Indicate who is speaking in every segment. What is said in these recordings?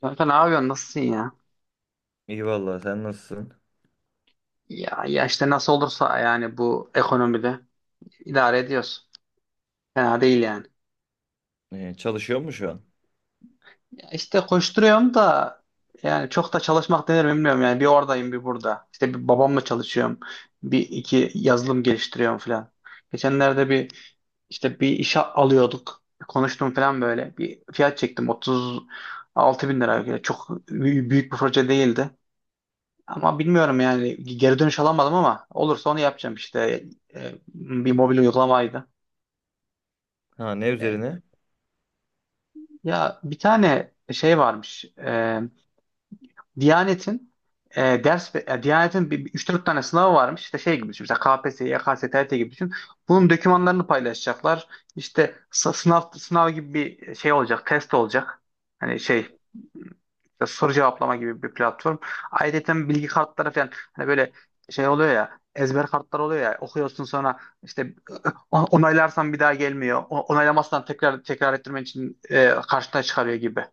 Speaker 1: Kanka ne yapıyorsun? Nasılsın ya?
Speaker 2: İyi vallahi sen nasılsın?
Speaker 1: Ya, işte nasıl olursa yani, bu ekonomide idare ediyoruz. Fena değil yani.
Speaker 2: Çalışıyor mu şu an?
Speaker 1: Ya işte koşturuyorum da, yani çok da çalışmak denir mi bilmiyorum yani. Bir oradayım bir burada. İşte bir babamla çalışıyorum. Bir iki yazılım geliştiriyorum falan. Geçenlerde bir işte bir işe alıyorduk. Konuştum falan böyle. Bir fiyat çektim. 36 bin lira. Yani çok büyük büyük bir proje değildi. Ama bilmiyorum yani, geri dönüş alamadım ama olursa onu yapacağım işte. Bir mobil uygulamaydı.
Speaker 2: Ha ne
Speaker 1: E,
Speaker 2: üzerine?
Speaker 1: Ya bir tane şey varmış. Diyanet'in üç dört tane sınavı varmış. İşte şey gibi düşün. Mesela KPSS, YKS, TRT gibi düşün. Bunun dokümanlarını paylaşacaklar. İşte sınav sınav gibi bir şey olacak, test olacak. Hani şey işte, soru cevaplama gibi bir platform. Ayrıca bilgi kartları falan, hani böyle şey oluyor ya, ezber kartlar oluyor ya, okuyorsun, sonra işte onaylarsan bir daha gelmiyor. Onaylamazsan tekrar tekrar ettirmen için karşına çıkarıyor gibi.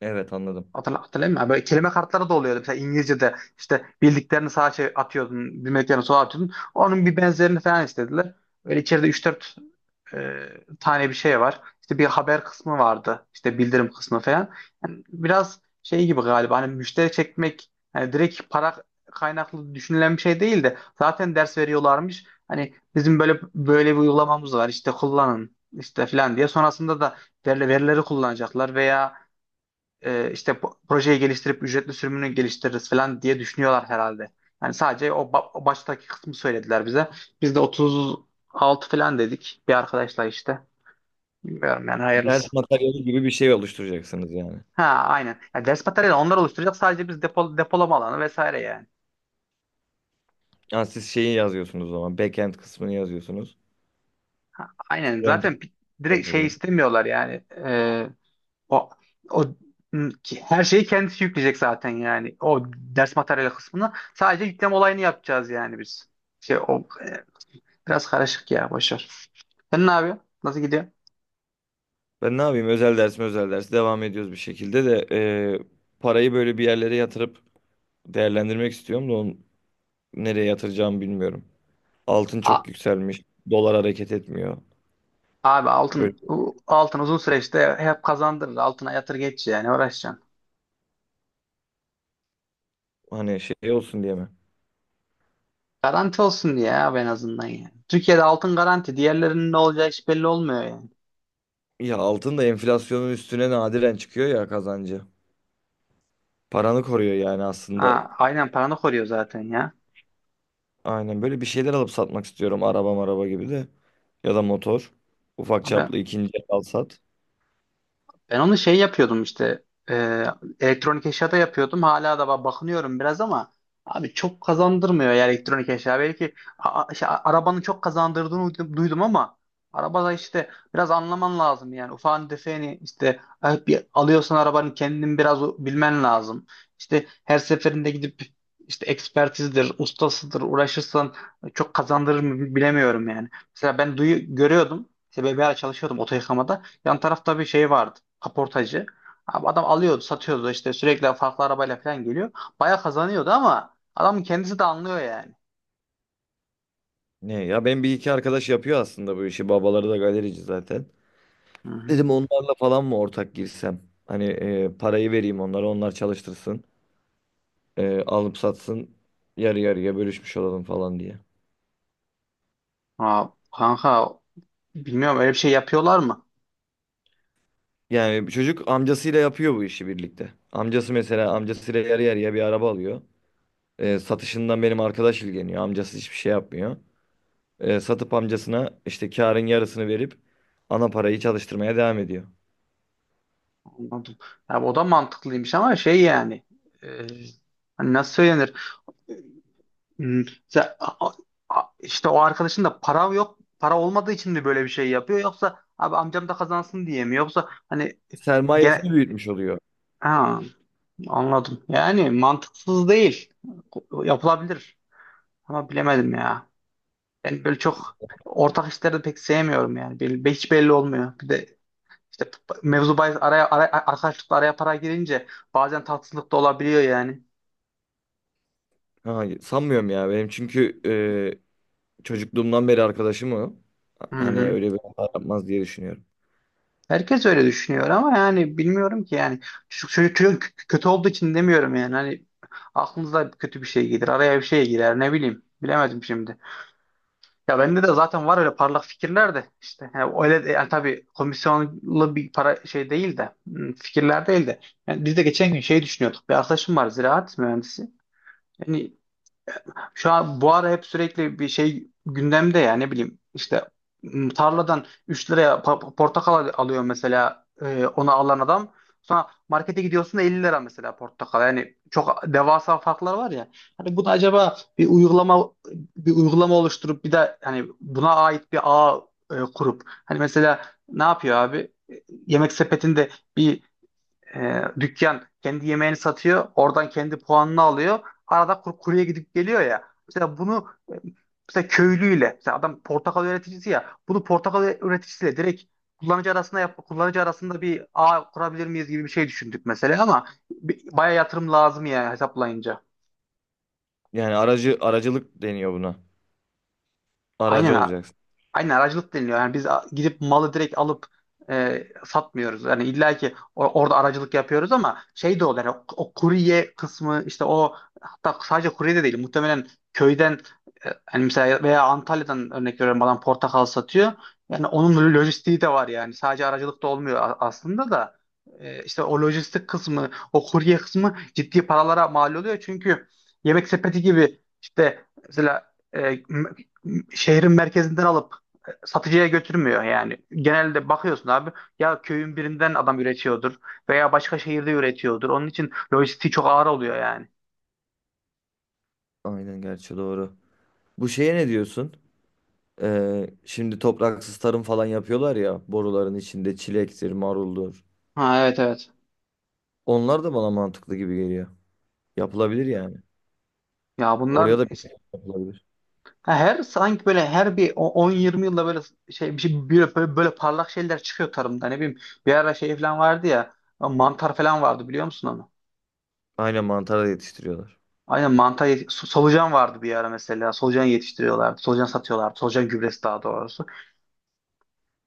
Speaker 2: Evet anladım.
Speaker 1: Hatırlayayım mı? Böyle kelime kartları da oluyordu. Mesela İngilizce'de işte bildiklerini sağa şey atıyordun, bilmediklerini sola atıyordun. Onun bir benzerini falan istediler. Böyle içeride üç dört e, tane bir şey var. İşte bir haber kısmı vardı. İşte bildirim kısmı falan. Yani biraz şey gibi galiba, hani müşteri çekmek, hani direkt para kaynaklı düşünülen bir şey değil de zaten ders veriyorlarmış. Hani bizim böyle böyle bir uygulamamız var. İşte kullanın işte falan diye. Sonrasında da verileri kullanacaklar veya işte projeyi geliştirip ücretli sürümünü geliştiririz falan diye düşünüyorlar herhalde. Yani sadece o baştaki kısmı söylediler bize. Biz de 36 falan dedik bir arkadaşla işte. Bilmiyorum yani,
Speaker 2: Ders
Speaker 1: hayırlısı.
Speaker 2: materyali gibi bir şey oluşturacaksınız yani.
Speaker 1: Ha, aynen. Yani ders materyali onlar oluşturacak, sadece biz depolama alanı vesaire yani.
Speaker 2: Ha, siz şeyi yazıyorsunuz o zaman. Backend kısmını yazıyorsunuz.
Speaker 1: Aynen, zaten
Speaker 2: Frontend
Speaker 1: direkt şey
Speaker 2: oluyor.
Speaker 1: istemiyorlar yani. O o Her şeyi kendisi yükleyecek zaten yani. O ders materyali kısmını sadece yükleme olayını yapacağız yani biz. Şey o e, Biraz karışık ya, boş ver. Sen ne yapıyorsun? Nasıl gidiyor?
Speaker 2: Ben ne yapayım? Özel ders mi özel ders? Devam ediyoruz bir şekilde de parayı böyle bir yerlere yatırıp değerlendirmek istiyorum da onu nereye yatıracağımı bilmiyorum. Altın çok
Speaker 1: A-
Speaker 2: yükselmiş. Dolar hareket etmiyor.
Speaker 1: Abi,
Speaker 2: Böyle
Speaker 1: altın uzun süreçte hep kazandırır. Altına yatır geç, yani uğraşacaksın.
Speaker 2: hani şey olsun diye mi?
Speaker 1: Garanti olsun diye abi, en azından yani. Türkiye'de altın garanti. Diğerlerinin ne olacağı hiç belli olmuyor yani.
Speaker 2: Ya altın da enflasyonun üstüne nadiren çıkıyor ya kazancı. Paranı koruyor yani aslında.
Speaker 1: Ha, aynen, paranı koruyor zaten ya.
Speaker 2: Aynen böyle bir şeyler alıp satmak istiyorum. Araba maraba gibi de. Ya da motor. Ufak
Speaker 1: Abi,
Speaker 2: çaplı ikinci el al sat.
Speaker 1: ben onu şey yapıyordum işte, e, elektronik eşyada yapıyordum. Hala da bakınıyorum biraz ama abi, çok kazandırmıyor ya elektronik eşya. Belki işte arabanın çok kazandırdığını duydum ama arabada işte biraz anlaman lazım yani. Ufağını defeni işte, bir alıyorsan arabanın kendini biraz bilmen lazım. İşte her seferinde gidip işte ekspertizdir, ustasıdır uğraşırsan çok kazandırır mı bilemiyorum yani. Mesela ben duyu görüyordum. İşte BBA çalışıyordum oto yıkamada. Yan tarafta bir şey vardı, kaportacı. Abi, adam alıyordu, satıyordu, işte sürekli farklı arabayla falan geliyor. Baya kazanıyordu ama adamın kendisi de anlıyor yani.
Speaker 2: Ne ya ben bir iki arkadaş yapıyor aslında bu işi. Babaları da galerici zaten.
Speaker 1: Hı hı.
Speaker 2: Dedim onlarla falan mı ortak girsem? Hani parayı vereyim onlara onlar çalıştırsın. Alıp satsın. Yarı yarıya bölüşmüş olalım falan diye.
Speaker 1: Aa, kanka, bilmiyorum, öyle bir şey yapıyorlar mı?
Speaker 2: Yani çocuk amcasıyla yapıyor bu işi birlikte. Amcası mesela amcasıyla yarı yarıya bir araba alıyor. Satışından benim arkadaş ilgileniyor. Amcası hiçbir şey yapmıyor. Satıp amcasına işte karın yarısını verip ana parayı çalıştırmaya devam ediyor.
Speaker 1: Anladım. Ya o da mantıklıymış ama şey yani, e, hani nasıl söylenir? Hmm, sen- a- işte o arkadaşın da para yok, para olmadığı için mi böyle bir şey yapıyor, yoksa abi amcam da kazansın diye mi, yoksa hani gene.
Speaker 2: Sermayesini büyütmüş oluyor.
Speaker 1: Ha, anladım. Yani mantıksız değil. Yapılabilir. Ama bilemedim ya. Ben böyle çok ortak işleri de pek sevmiyorum yani. Hiç belli olmuyor. Bir de işte mevzu bahis, araya arkadaşlıkla araya para girince bazen tatsızlık da olabiliyor yani.
Speaker 2: Ha, sanmıyorum ya benim çünkü çocukluğumdan beri arkadaşım o.
Speaker 1: Hı
Speaker 2: Hani
Speaker 1: hı.
Speaker 2: öyle bir hata yapmaz diye düşünüyorum.
Speaker 1: Herkes öyle düşünüyor ama yani, bilmiyorum ki yani. Çocuk kötü olduğu için demiyorum yani. Hani aklınıza kötü bir şey gelir. Araya bir şey girer. Ne bileyim. Bilemedim şimdi. Ya bende de zaten var öyle parlak fikirler de işte, yani öyle de, yani tabii komisyonlu bir para şey değil de, fikirler değil de, yani biz de geçen gün şey düşünüyorduk. Bir arkadaşım var ziraat mühendisi, yani şu an bu ara hep sürekli bir şey gündemde ya, ne bileyim işte, tarladan 3 liraya portakal alıyor mesela, onu alan adam. Sonra markete gidiyorsun da 50 lira mesela portakal. Yani çok devasa farklar var ya. Hani bunu acaba bir uygulama, oluşturup, bir de hani buna ait bir ağ kurup, hani mesela ne yapıyor abi? Yemek sepetinde bir dükkan kendi yemeğini satıyor. Oradan kendi puanını alıyor. Arada kuruya gidip geliyor ya. Mesela bunu, e, mesela köylüyle, mesela adam portakal üreticisi ya. Bunu portakal üreticisiyle direkt kullanıcı arasında kullanıcı arasında bir ağ kurabilir miyiz gibi bir şey düşündük mesela, ama bayağı yatırım lazım ya hesaplayınca.
Speaker 2: Yani aracılık deniyor buna. Aracı
Speaker 1: Aynen,
Speaker 2: olacaksın.
Speaker 1: aynen, aracılık deniliyor. Yani biz gidip malı direkt alıp satmıyoruz. Yani illa ki orada aracılık yapıyoruz ama şey de oluyor. Yani, o kurye kısmı işte, o, hatta sadece kurye de değil. Muhtemelen köyden, hani mesela veya Antalya'dan örnek veriyorum, adam portakal satıyor. Yani onun lojistiği de var yani. Sadece aracılık da olmuyor aslında da. İşte o lojistik kısmı, o kurye kısmı ciddi paralara mal oluyor. Çünkü yemek sepeti gibi işte, mesela, m- şehrin merkezinden alıp satıcıya götürmüyor yani. Genelde bakıyorsun abi, ya köyün birinden adam üretiyordur, veya başka şehirde üretiyordur. Onun için lojistiği çok ağır oluyor yani.
Speaker 2: Aynen gerçi doğru. Bu şeye ne diyorsun? Şimdi topraksız tarım falan yapıyorlar ya boruların içinde çilektir, maruldur.
Speaker 1: Ha, evet, evet.
Speaker 2: Onlar da bana mantıklı gibi geliyor. Yapılabilir yani.
Speaker 1: Ya
Speaker 2: Oraya
Speaker 1: bunlar
Speaker 2: da bir şey yapılabilir.
Speaker 1: her sanki böyle, her bir 10-20 yılda böyle şey, bir şey böyle parlak şeyler çıkıyor tarımda. Ne bileyim, bir ara şey falan vardı ya, mantar falan vardı, biliyor musun onu?
Speaker 2: Aynen mantara yetiştiriyorlar.
Speaker 1: Aynen, mantar solucan vardı bir ara mesela. Solucan yetiştiriyorlardı. Solucan satıyorlardı. Solucan gübresi daha doğrusu.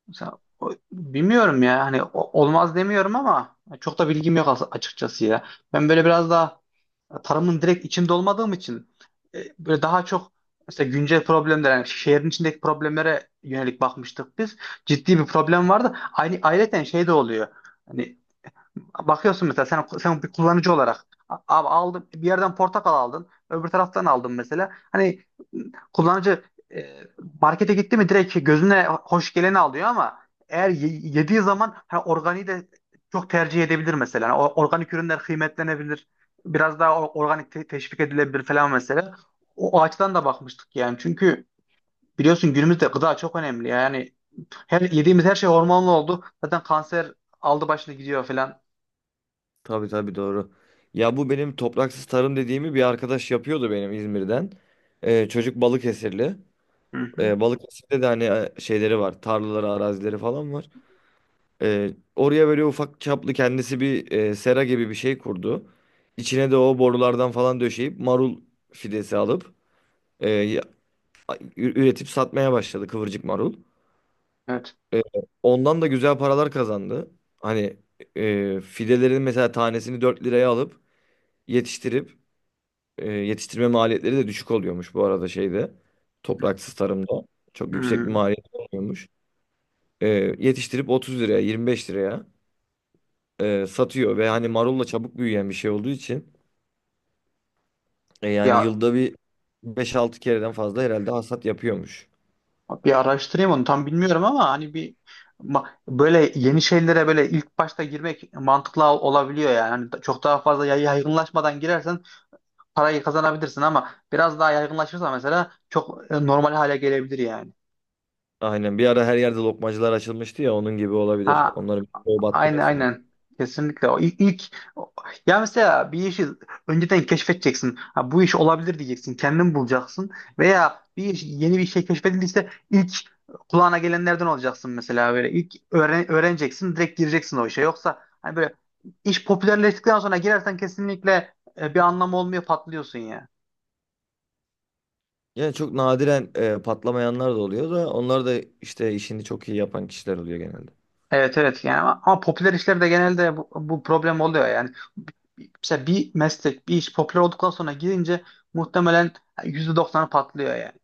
Speaker 1: Mesela, bilmiyorum ya, hani olmaz demiyorum ama çok da bilgim yok açıkçası ya. Ben böyle biraz daha tarımın direkt içinde olmadığım için, böyle daha çok mesela güncel problemler, yani şehrin içindeki problemlere yönelik bakmıştık biz. Ciddi bir problem vardı. Aynı ayrıca şey de oluyor. Hani, bakıyorsun mesela, sen bir kullanıcı olarak, abi aldım bir yerden portakal, aldın öbür taraftan aldın mesela, hani kullanıcı e, markete gitti mi direkt gözüne hoş geleni alıyor, ama eğer yediği zaman, organiği de çok tercih edebilir mesela. Yani organik ürünler kıymetlenebilir. Biraz daha organik teşvik edilebilir falan mesela. O açıdan da bakmıştık yani. Çünkü biliyorsun, günümüzde gıda çok önemli. Yani her yediğimiz her şey hormonlu oldu. Zaten kanser aldı başını gidiyor falan.
Speaker 2: Tabii tabii doğru. Ya bu benim topraksız tarım dediğimi bir arkadaş yapıyordu benim İzmir'den. Çocuk Balıkesirli.
Speaker 1: Hı hı.
Speaker 2: Balıkesir'de de hani şeyleri var. Tarlaları, arazileri falan var. Ee, Oraya böyle ufak çaplı kendisi bir sera gibi bir şey kurdu. İçine de o borulardan falan döşeyip marul fidesi alıp e, ya- üretip satmaya başladı kıvırcık marul.
Speaker 1: Evet.
Speaker 2: E, Ondan da güzel paralar kazandı. Hani fidelerin mesela tanesini 4 liraya alıp yetiştirip yetiştirme maliyetleri de düşük oluyormuş bu arada şeyde. Topraksız tarımda çok yüksek bir
Speaker 1: Hmm.
Speaker 2: maliyet olmuyormuş. E, Yetiştirip 30 liraya 25 liraya satıyor ve hani marulla çabuk büyüyen bir şey olduğu için yani
Speaker 1: Ya
Speaker 2: yılda bir beş altı kereden fazla herhalde hasat yapıyormuş.
Speaker 1: bir araştırayım onu, tam bilmiyorum ama, hani bir böyle yeni şeylere böyle ilk başta girmek mantıklı olabiliyor yani. Hani çok daha fazla yaygınlaşmadan girersen parayı kazanabilirsin, ama biraz daha yaygınlaşırsa mesela çok normal hale gelebilir yani.
Speaker 2: Aynen bir ara her yerde lokmacılar açılmıştı ya onun gibi olabilir.
Speaker 1: Ha,
Speaker 2: Onların çoğu battı
Speaker 1: aynen,
Speaker 2: mesela.
Speaker 1: aynen. Kesinlikle. O ilk ya, mesela bir işi önceden keşfedeceksin. Ha, bu iş olabilir diyeceksin. Kendin bulacaksın. Veya bir iş, yeni bir şey keşfedildiyse ilk kulağına gelenlerden olacaksın mesela böyle. İlk öğreneceksin, direkt gireceksin o işe. Yoksa hani böyle, iş popülerleştikten sonra girersen kesinlikle bir anlamı olmuyor, patlıyorsun ya.
Speaker 2: Yani çok nadiren patlamayanlar da oluyor da onlar da işte işini çok iyi yapan kişiler oluyor genelde.
Speaker 1: Evet, evet, yani, ama popüler işlerde genelde bu problem oluyor. Yani mesela bir meslek, bir iş popüler olduktan sonra girince muhtemelen %90'ı patlıyor yani.